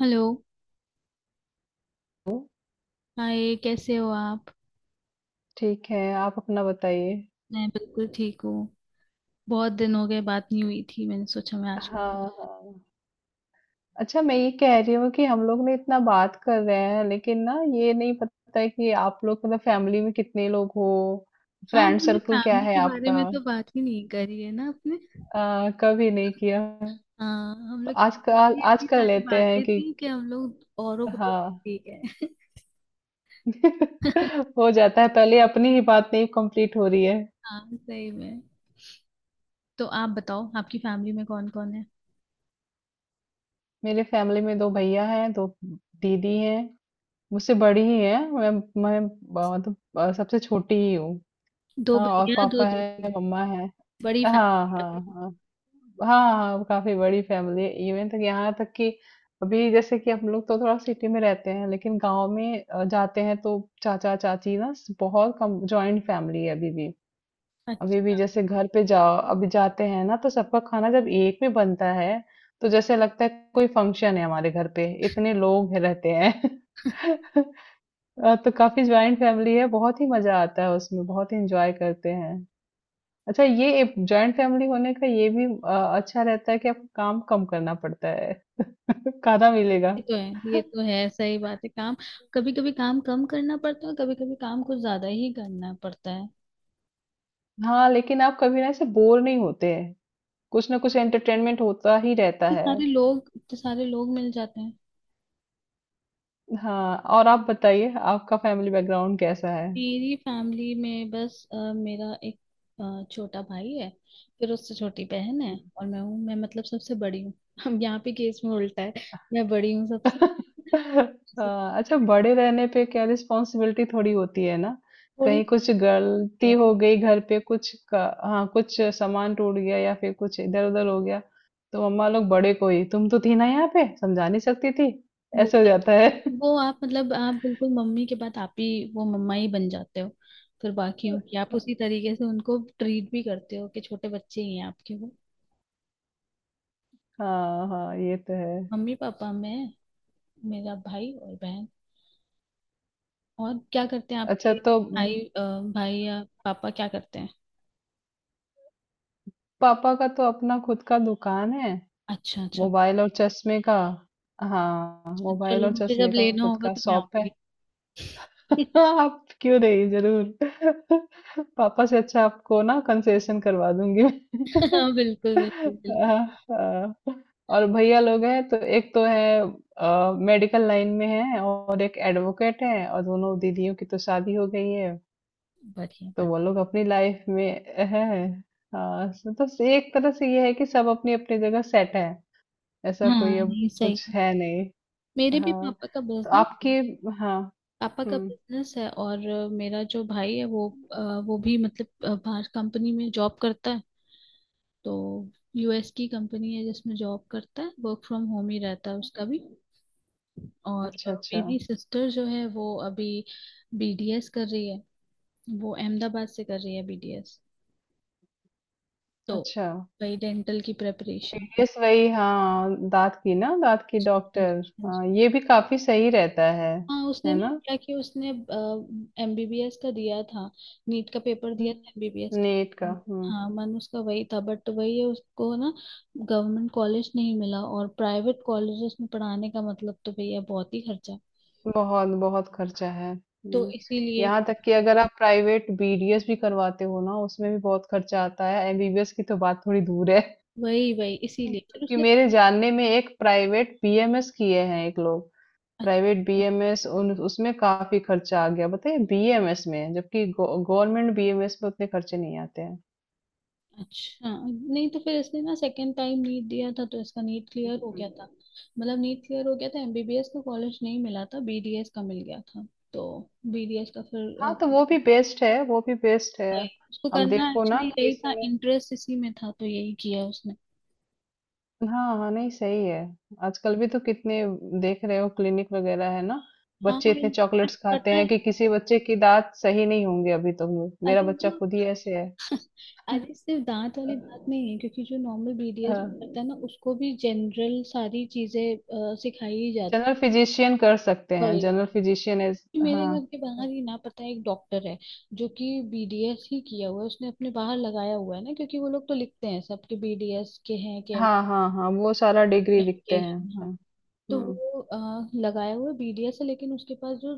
Hello. हूँ। Hi, कैसे हो आप? ठीक है, आप अपना बताइए। मैं बिल्कुल ठीक हूँ। बहुत दिन हो गए बात नहीं हुई थी, मैंने सोचा मैं आज। हाँ, हाँ। अच्छा, मैं ये कह रही हूँ कि हम लोग ना इतना बात कर रहे हैं, लेकिन ना ये नहीं पता है कि आप लोग मतलब फैमिली में कितने लोग हो? हाँ, फ्रेंड हमने सर्कल क्या फैमिली है के बारे आपका? में तो बात ही नहीं करी है ना अपने। कभी नहीं किया। हाँ, हम तो लोग की आजकल इतनी आज इतनी कर सारी लेते हैं बातें कि थी कि हम लोग औरों को तो। हाँ। ठीक है। हो जाता है, पहले अपनी ही बात नहीं कंप्लीट हो रही है। हाँ, सही में। तो आप बताओ, आपकी फैमिली में कौन कौन है? मेरे फैमिली में 2 भैया हैं, 2 दीदी हैं, मुझसे बड़ी ही हैं, मैं ब मतलब अ, सबसे छोटी ही हूँ। दो हाँ, और भैया दो पापा दीदी, है, मम्मा है। बड़ी हाँ, फैमिली हाँ, आपकी। हाँ। हाँ, हाँ, वो काफी बड़ी फैमिली है। इवन तक, यहाँ तक कि अभी जैसे कि हम लोग तो थोड़ा सिटी में रहते हैं, लेकिन गांव में जाते हैं तो चाचा चाची ना बहुत कम जॉइंट फैमिली है अभी भी। अभी भी अच्छा। जैसे घर पे जाओ, अभी जाते हैं ना तो सबका खाना जब एक में बनता है तो जैसे लगता है कोई फंक्शन है हमारे घर पे, रहते हैं। तो काफी ज्वाइंट फैमिली है, बहुत ही मजा आता है उसमें, बहुत ही एंजॉय करते हैं। अच्छा, ये जॉइंट फैमिली होने का ये भी अच्छा रहता है कि आपको काम कम करना पड़ता है। खाना मिलेगा। ये तो है ये तो है, सही बात है। काम कभी कभी काम कम करना पड़ता है, कभी कभी काम कुछ ज्यादा ही करना पड़ता है। हाँ, लेकिन आप कभी ना ऐसे बोर नहीं होते हैं, कुछ ना कुछ एंटरटेनमेंट होता ही रहता है। इतने सारे लोग, इतने सारे लोग मिल जाते हैं। हाँ, और आप बताइए, आपका फैमिली बैकग्राउंड कैसा है। मेरी फैमिली में बस मेरा एक छोटा भाई है। फिर उससे छोटी बहन है और मैं हूँ, मैं मतलब सबसे बड़ी हूँ। हम यहाँ पे केस में उल्टा है। मैं बड़ी हूँ सबसे। सबसे हाँ, अच्छा, बड़े रहने पे क्या रिस्पॉन्सिबिलिटी थोड़ी होती है ना। थोड़ी कहीं कुछ होती गलती है। हो गई घर पे, कुछ का, हाँ कुछ सामान टूट गया या फिर कुछ इधर उधर हो गया, तो मम्मा लोग बड़े को ही, तुम तो थी ना यहाँ पे, समझा नहीं सकती थी। वो ऐसे हो तो। जाता है। वो आप मतलब आप बिल्कुल मम्मी के बाद आप ही वो मम्मा ही बन जाते हो। फिर बाकियों की आप उसी तरीके से उनको ट्रीट भी करते हो कि छोटे बच्चे ही हैं आपके वो। हाँ हाँ, ये तो है। मम्मी पापा, मैं, मेरा भाई और बहन। और क्या करते हैं अच्छा आपके तो भाई, भाई या पापा क्या करते हैं? पापा का तो अपना खुद का दुकान है, अच्छा, अच्छा। मोबाइल और चश्मे का। हाँ, अच्छा, मोबाइल चलो और मुझे चश्मे जब का लेना खुद होगा का तो मैं शॉप है। आऊंगी। आप क्यों नहीं, जरूर। पापा से अच्छा आपको ना कंसेशन करवा दूंगी मैं। हाँ, बिल्कुल, बिल्कुल, बिल्कुल। हाँ, हाँ। और भैया लोग हैं तो एक तो है मेडिकल लाइन में है, और एक एडवोकेट है, और दोनों दीदियों की तो शादी हो गई है, बढ़िया तो बढ़िया। वो लोग अपनी लाइफ में है। हाँ, एक तरह से ये है कि सब अपनी अपनी जगह सेट है, ऐसा कोई हाँ, अब नहीं, सही कुछ है। है नहीं। मेरे भी हाँ पापा का तो बिजनेस है। आपकी, हाँ। पापा का हम्म। बिजनेस है और मेरा जो भाई है वो वो भी मतलब बाहर कंपनी में जॉब करता है। तो यूएस की कंपनी है जिसमें जॉब करता है, वर्क फ्रॉम होम ही रहता है उसका भी। और अच्छा, अच्छा, मेरी सिस्टर जो है वो अभी बीडीएस कर रही है। वो अहमदाबाद से कर रही है बीडीएस। तो अच्छा। वही डेंटल की प्रेपरेशन। यस, वही। हाँ, दाँत की ना, दाँत की डॉक्टर। हाँ, ये भी काफ़ी सही रहता हाँ, उसने है ना ना? क्या कि उसने एमबीबीएस का दिया था, नीट का पेपर दिया था एमबीबीएस नीट का, का। हुँ। हाँ, मन उसका वही था, बट वही है उसको ना गवर्नमेंट कॉलेज नहीं मिला, और प्राइवेट कॉलेजेस में पढ़ाने का मतलब तो भैया बहुत ही खर्चा। बहुत, बहुत खर्चा है। तो हुँ, इसीलिए। यहाँ तक कि अगर आप प्राइवेट बीडीएस भी करवाते हो ना, उसमें भी बहुत खर्चा आता है, एमबीबीएस की तो बात थोड़ी दूर है। वही वही, इसीलिए फिर क्योंकि उसने। मेरे जानने में एक प्राइवेट बीएमएस किए हैं एक लोग, प्राइवेट अच्छा, बीएमएस उन उसमें काफ़ी खर्चा आ गया, बताइए बीएमएस में, जबकि गव गवर्नमेंट बीएमएस में उतने खर्चे नहीं आते हैं। अच्छा। नहीं, तो फिर इसने ना सेकंड टाइम नीट दिया था तो इसका नीट क्लियर हो गया हम्म। था। मतलब नीट क्लियर हो गया था, एमबीबीएस का कॉलेज नहीं मिला था, बीडीएस का मिल गया था। तो बीडीएस का फिर, हाँ, तो वो भी बेस्ट है, वो भी बेस्ट है। भाई, उसको अब करना देखो ना एक्चुअली कि यही इस था, समय, इंटरेस्ट इसी में था तो यही किया उसने। हाँ हाँ, नहीं सही है। आजकल भी तो कितने देख रहे हो क्लिनिक वगैरह, है ना। हाँ, बच्चे और इतने इनफैक्ट चॉकलेट्स खाते पता हैं है, कि किसी बच्चे की दांत सही नहीं होंगे अभी तो। मेरा अरे बच्चा वो खुद ही ऐसे है। अरे सिर्फ दांत वाली बात नहीं है, क्योंकि जो नॉर्मल बीडीएस हाँ, होता है ना उसको भी जनरल सारी चीजें सिखाई जनरल फिजिशियन कर सकते हैं, जाती। General physician. मेरे हाँ घर के बाहर ही ना पता है एक डॉक्टर है जो कि बीडीएस ही किया हुआ है, उसने अपने बाहर लगाया हुआ है ना, क्योंकि वो लोग तो लिखते हैं सबके बीडीएस के हैं के हाँ हाँ, हाँ वो सारा डिग्री लिखते हैं, एप्लीकेशन। हाँ, हाँ। तो हम्म। वो लगाया हुआ बीडीएस है, लेकिन उसके पास जो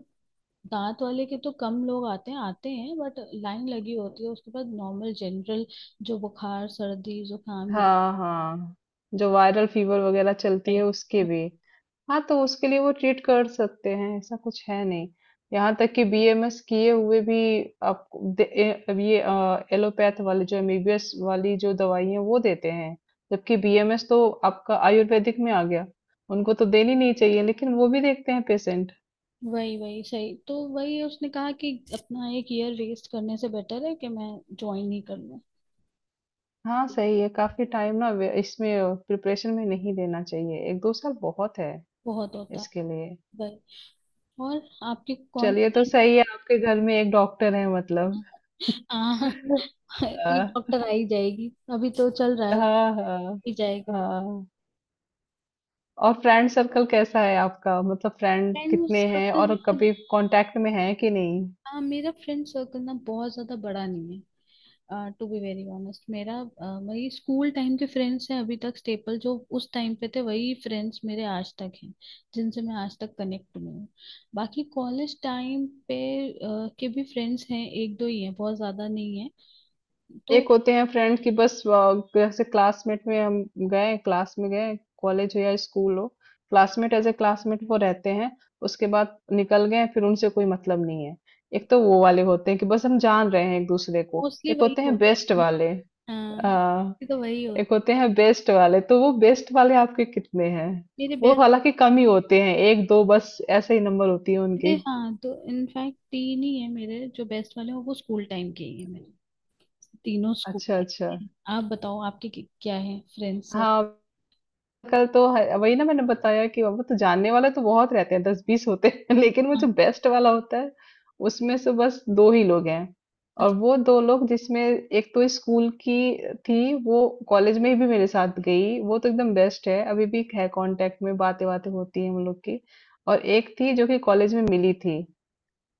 दांत वाले के तो कम लोग आते हैं, आते हैं बट लाइन लगी होती है उसके पास नॉर्मल जनरल जो बुखार सर्दी जुकाम ये। हाँ हाँ, जो वायरल फीवर वगैरह चलती है, उसके भी हाँ, तो उसके लिए वो ट्रीट कर सकते हैं, ऐसा कुछ है नहीं। यहाँ तक कि बीएमएस किए हुए भी आप ये एलोपैथ वाले, जो एमबीबीएस वाली जो दवाई है, वो देते हैं। जबकि बीएमएस तो आपका आयुर्वेदिक में आ गया, उनको तो देनी नहीं चाहिए, लेकिन वो भी देखते हैं पेशेंट। वही वही सही, तो वही उसने कहा कि अपना एक ईयर वेस्ट करने से बेटर है कि मैं ज्वाइन ही कर लूँ। हाँ सही है, काफी टाइम ना इसमें प्रिपरेशन में नहीं देना चाहिए, 1 2 साल बहुत है बहुत होता इसके लिए। है। और आपकी कौन? चलिए, तो सही है, आपके घर में एक डॉक्टर है मतलब। आ, एक हाँ डॉक्टर आई जाएगी, अभी तो चल रहा है, हाँ हाँ। ही जाएगी। हाँ। और फ्रेंड सर्कल कैसा है आपका, मतलब फ्रेंड फ्रेंड कितने हैं सर्कल और मेरा, कभी कांटेक्ट में है कि नहीं। हाँ, मेरा फ्रेंड सर्कल ना बहुत ज्यादा बड़ा नहीं है, टू बी वेरी ऑनेस्ट। मेरा वही स्कूल टाइम के फ्रेंड्स हैं अभी तक, स्टेपल जो उस टाइम पे थे वही फ्रेंड्स मेरे आज तक हैं, जिनसे मैं आज तक कनेक्ट हुई हूँ। बाकी कॉलेज टाइम पे के भी फ्रेंड्स हैं, एक दो ही हैं, बहुत ज्यादा नहीं है तो। एक होते हैं फ्रेंड की बस, जैसे क्लासमेट में हम गए, क्लास में गए, कॉलेज हो या स्कूल हो, क्लासमेट एज ए क्लासमेट वो रहते हैं, उसके बाद निकल गए फिर उनसे कोई मतलब नहीं है। एक तो वो वाले होते हैं कि बस हम जान रहे हैं एक दूसरे को, मोस्टली एक वही होते हैं होते बेस्ट हैं। वाले। हाँ, ये तो वही होते एक हैं। होते हैं बेस्ट वाले, तो वो बेस्ट वाले आपके कितने हैं? मेरे वो बेस्ट, हालांकि कम ही होते हैं, एक दो बस, ऐसे ही नंबर होती है मेरे, उनकी। हाँ तो इनफैक्ट तीन ही है मेरे जो बेस्ट वाले हैं, वो स्कूल टाइम के ही है मेरे, तीनों स्कूल अच्छा, टाइम अच्छा। के हैं। आप बताओ आपके क्या है फ्रेंड्स? हाँ, वही ना मैंने बताया कि वो तो जानने वाले तो बहुत रहते हैं, 10 20 होते हैं। लेकिन वो हाँ। जो बेस्ट वाला होता है, उसमें से बस दो ही लोग हैं। और अच्छा। वो दो लोग, जिसमें एक तो स्कूल की थी, वो कॉलेज में भी मेरे साथ गई, वो तो एकदम बेस्ट है, अभी भी है कांटेक्ट में, बातें बातें होती हैं हम लोग की। और एक थी जो कि कॉलेज में मिली थी,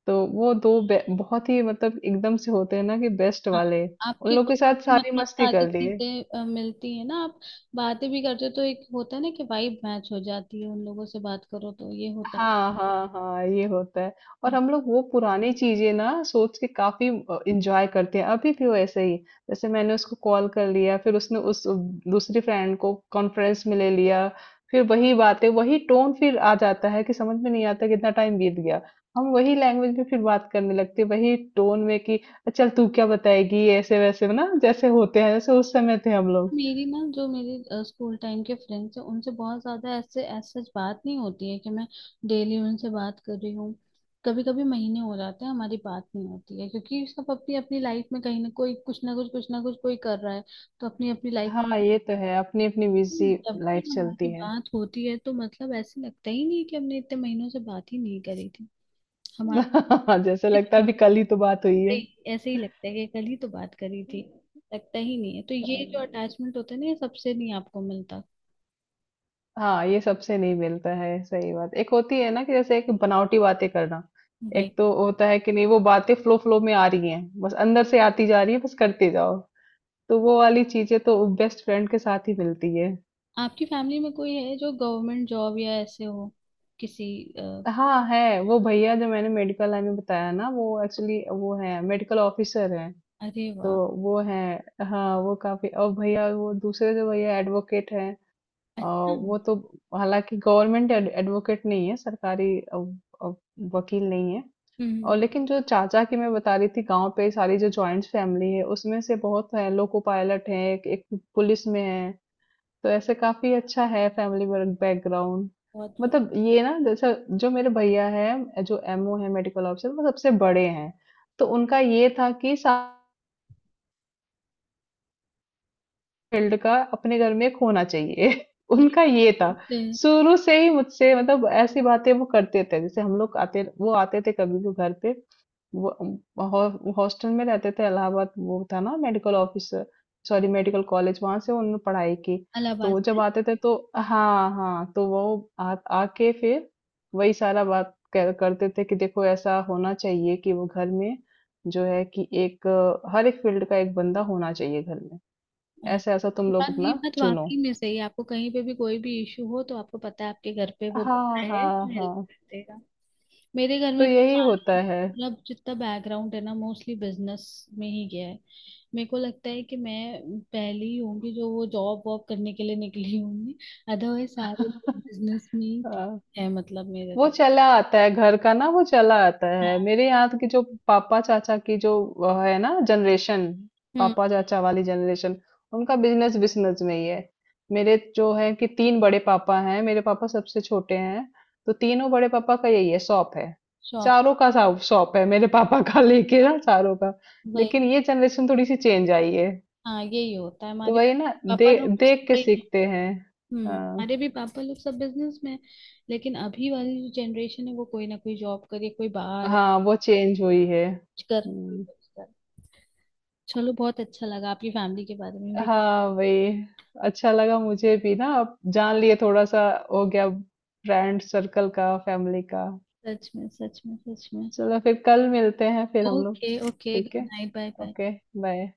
तो वो 2 बे बहुत ही मतलब एकदम से होते हैं ना कि बेस्ट हाँ। वाले, उन आपके लोग तो- के साथ आपकी सारी मतलब मस्ती सारी कर लिए। चीजें मिलती है ना, आप बातें भी करते हो तो एक होता है ना कि वाइब मैच हो जाती है, उन लोगों से बात करो तो ये होता है। हाँ, हाँ, हाँ, ये होता है। और हम लोग वो पुरानी चीजें ना सोच के काफी एंजॉय करते हैं अभी भी, वो ऐसे ही जैसे मैंने उसको कॉल कर लिया, फिर उसने उस दूसरी फ्रेंड को कॉन्फ्रेंस में ले लिया, फिर वही बातें, वही टोन फिर आ जाता है कि समझ में नहीं आता कितना टाइम बीत गया। हम वही लैंग्वेज में फिर बात करने लगते हैं, वही टोन में कि चल तू क्या बताएगी, ऐसे वैसे ना जैसे होते हैं, जैसे उस समय थे हम लोग। मेरी ना जो मेरी स्कूल टाइम के फ्रेंड्स हैं उनसे बहुत ज्यादा ऐसे ऐसे बात नहीं होती है कि मैं डेली उनसे बात कर रही हूँ। कभी कभी महीने हो जाते हैं हमारी बात नहीं होती है, क्योंकि सब अपनी अपनी लाइफ में कहीं ना कोई कुछ ना कुछ कोई कर रहा है, तो अपनी अपनी लाइफ। हाँ ये तो है, अपनी अपनी बिजी जब भी लाइफ हमारी चलती है। बात होती है तो मतलब ऐसे लगता ही नहीं है कि हमने इतने महीनों से बात ही नहीं करी थी। हमारा जैसे तो लगता है शुरू अभी कल ही तो बात हुई से है। ही ऐसे ही लगता है कि कल ही तो बात करी थी। लगता ही नहीं है, तो ये जो हाँ, अटैचमेंट होता है ना ये सबसे नहीं आपको मिलता, हाँ, ये सबसे नहीं मिलता है, सही बात। एक होती है ना कि जैसे एक बनावटी बातें करना, भाई। एक तो होता है कि नहीं, वो बातें फ्लो फ्लो में आ रही हैं, बस अंदर से आती जा रही है, बस करते जाओ, तो वो वाली चीजें तो बेस्ट फ्रेंड के साथ ही मिलती है। आपकी फैमिली में कोई है जो गवर्नमेंट जॉब या ऐसे हो, किसी? अ, हाँ है, वो भैया जो मैंने मेडिकल लाइन में बताया ना, वो एक्चुअली वो है, मेडिकल ऑफिसर है। अरे तो वाह। वो है। हाँ वो काफी, और भैया, वो दूसरे जो भैया एडवोकेट है, अ, अच्छा। वो तो हालांकि गवर्नमेंट एडवोकेट नहीं है, सरकारी अ, वकील नहीं है। और लेकिन हम्म। जो चाचा की मैं बता रही थी, गांव पे सारी जो जॉइंट फैमिली है, उसमें से बहुत है, लोको पायलट है एक, एक पुलिस में है, तो ऐसे काफी अच्छा है फैमिली बैकग्राउंड। बहुत बहुत। मतलब ये ना जैसे जो मेरे भैया है जो एमओ है, मेडिकल ऑफिसर, वो सबसे बड़े हैं। तो उनका ये था कि फील्ड का अपने घर में एक होना चाहिए। ये, उनका ये था अ, शुरू से ही मुझसे, मतलब ऐसी बातें वो करते थे। जैसे हम लोग आते, वो आते थे कभी भी घर पे, वो हॉस्टल में रहते थे, इलाहाबाद वो था ना medical office, sorry medical college, वहां से उन्होंने पढ़ाई की। तो अलाहाबाद वो जब से। आते थे तो, हाँ हाँ, तो वो आके फिर वही सारा बात करते थे कि देखो, ऐसा होना चाहिए कि वो घर में जो है कि एक हर एक फील्ड का एक बंदा होना चाहिए घर में, अ, ऐसा-ऐसा तुम ये लोग बात, ये अपना बात चुनो। वाकई में सही है, आपको कहीं पे भी कोई भी इशू हो तो आपको पता है आपके घर पे वो हाँ, बंदा है हाँ, जो हेल्प हाँ, कर देगा। मेरे घर तो में तो यही होता है। मतलब जितना बैकग्राउंड है ना मोस्टली बिजनेस में ही गया है। मेरे को लगता है कि मैं पहली होंगी जो वो जॉब वॉब करने के लिए निकली होंगी, अदरवाइज सारे बिजनेस में ही हाँ, है मतलब मेरे वो तो। चला आता है, घर का ना वो चला आता हाँ। है। मेरे यहाँ की जो पापा चाचा की जो है ना जनरेशन, हम्म। पापा चाचा वाली जनरेशन, उनका बिजनेस बिजनेस में ही है। मेरे जो है कि 3 बड़े पापा हैं, मेरे पापा सबसे छोटे हैं, तो तीनों बड़े पापा का यही है, शॉप है। शॉप। चारों का शॉप शॉप है, मेरे पापा का लेके ना चारों का। वही। लेकिन ये जनरेशन थोड़ी सी चेंज आई है। हाँ, यही होता है तो हमारे वही ना पापा लोग तो देख सब के वही है। सीखते हैं। हम्म, हाँ हमारे भी पापा लोग सब बिजनेस में है, लेकिन अभी वाली जो जनरेशन है वो कोई ना कोई जॉब करे, कोई बाहर है, हाँ, वो चेंज हुई है। कुछ कर कोई कुछ कर। चलो, बहुत अच्छा लगा आपकी फैमिली के बारे में भी। हाँ वही। अच्छा लगा मुझे भी ना, अब जान लिए थोड़ा सा, हो गया, फ्रेंड सर्कल का, फैमिली का। सच में, सच में, सच में। चलो फिर कल मिलते हैं फिर हम लोग। ओके, ओके, ठीक गुड है, night, bye bye. Okay, bye.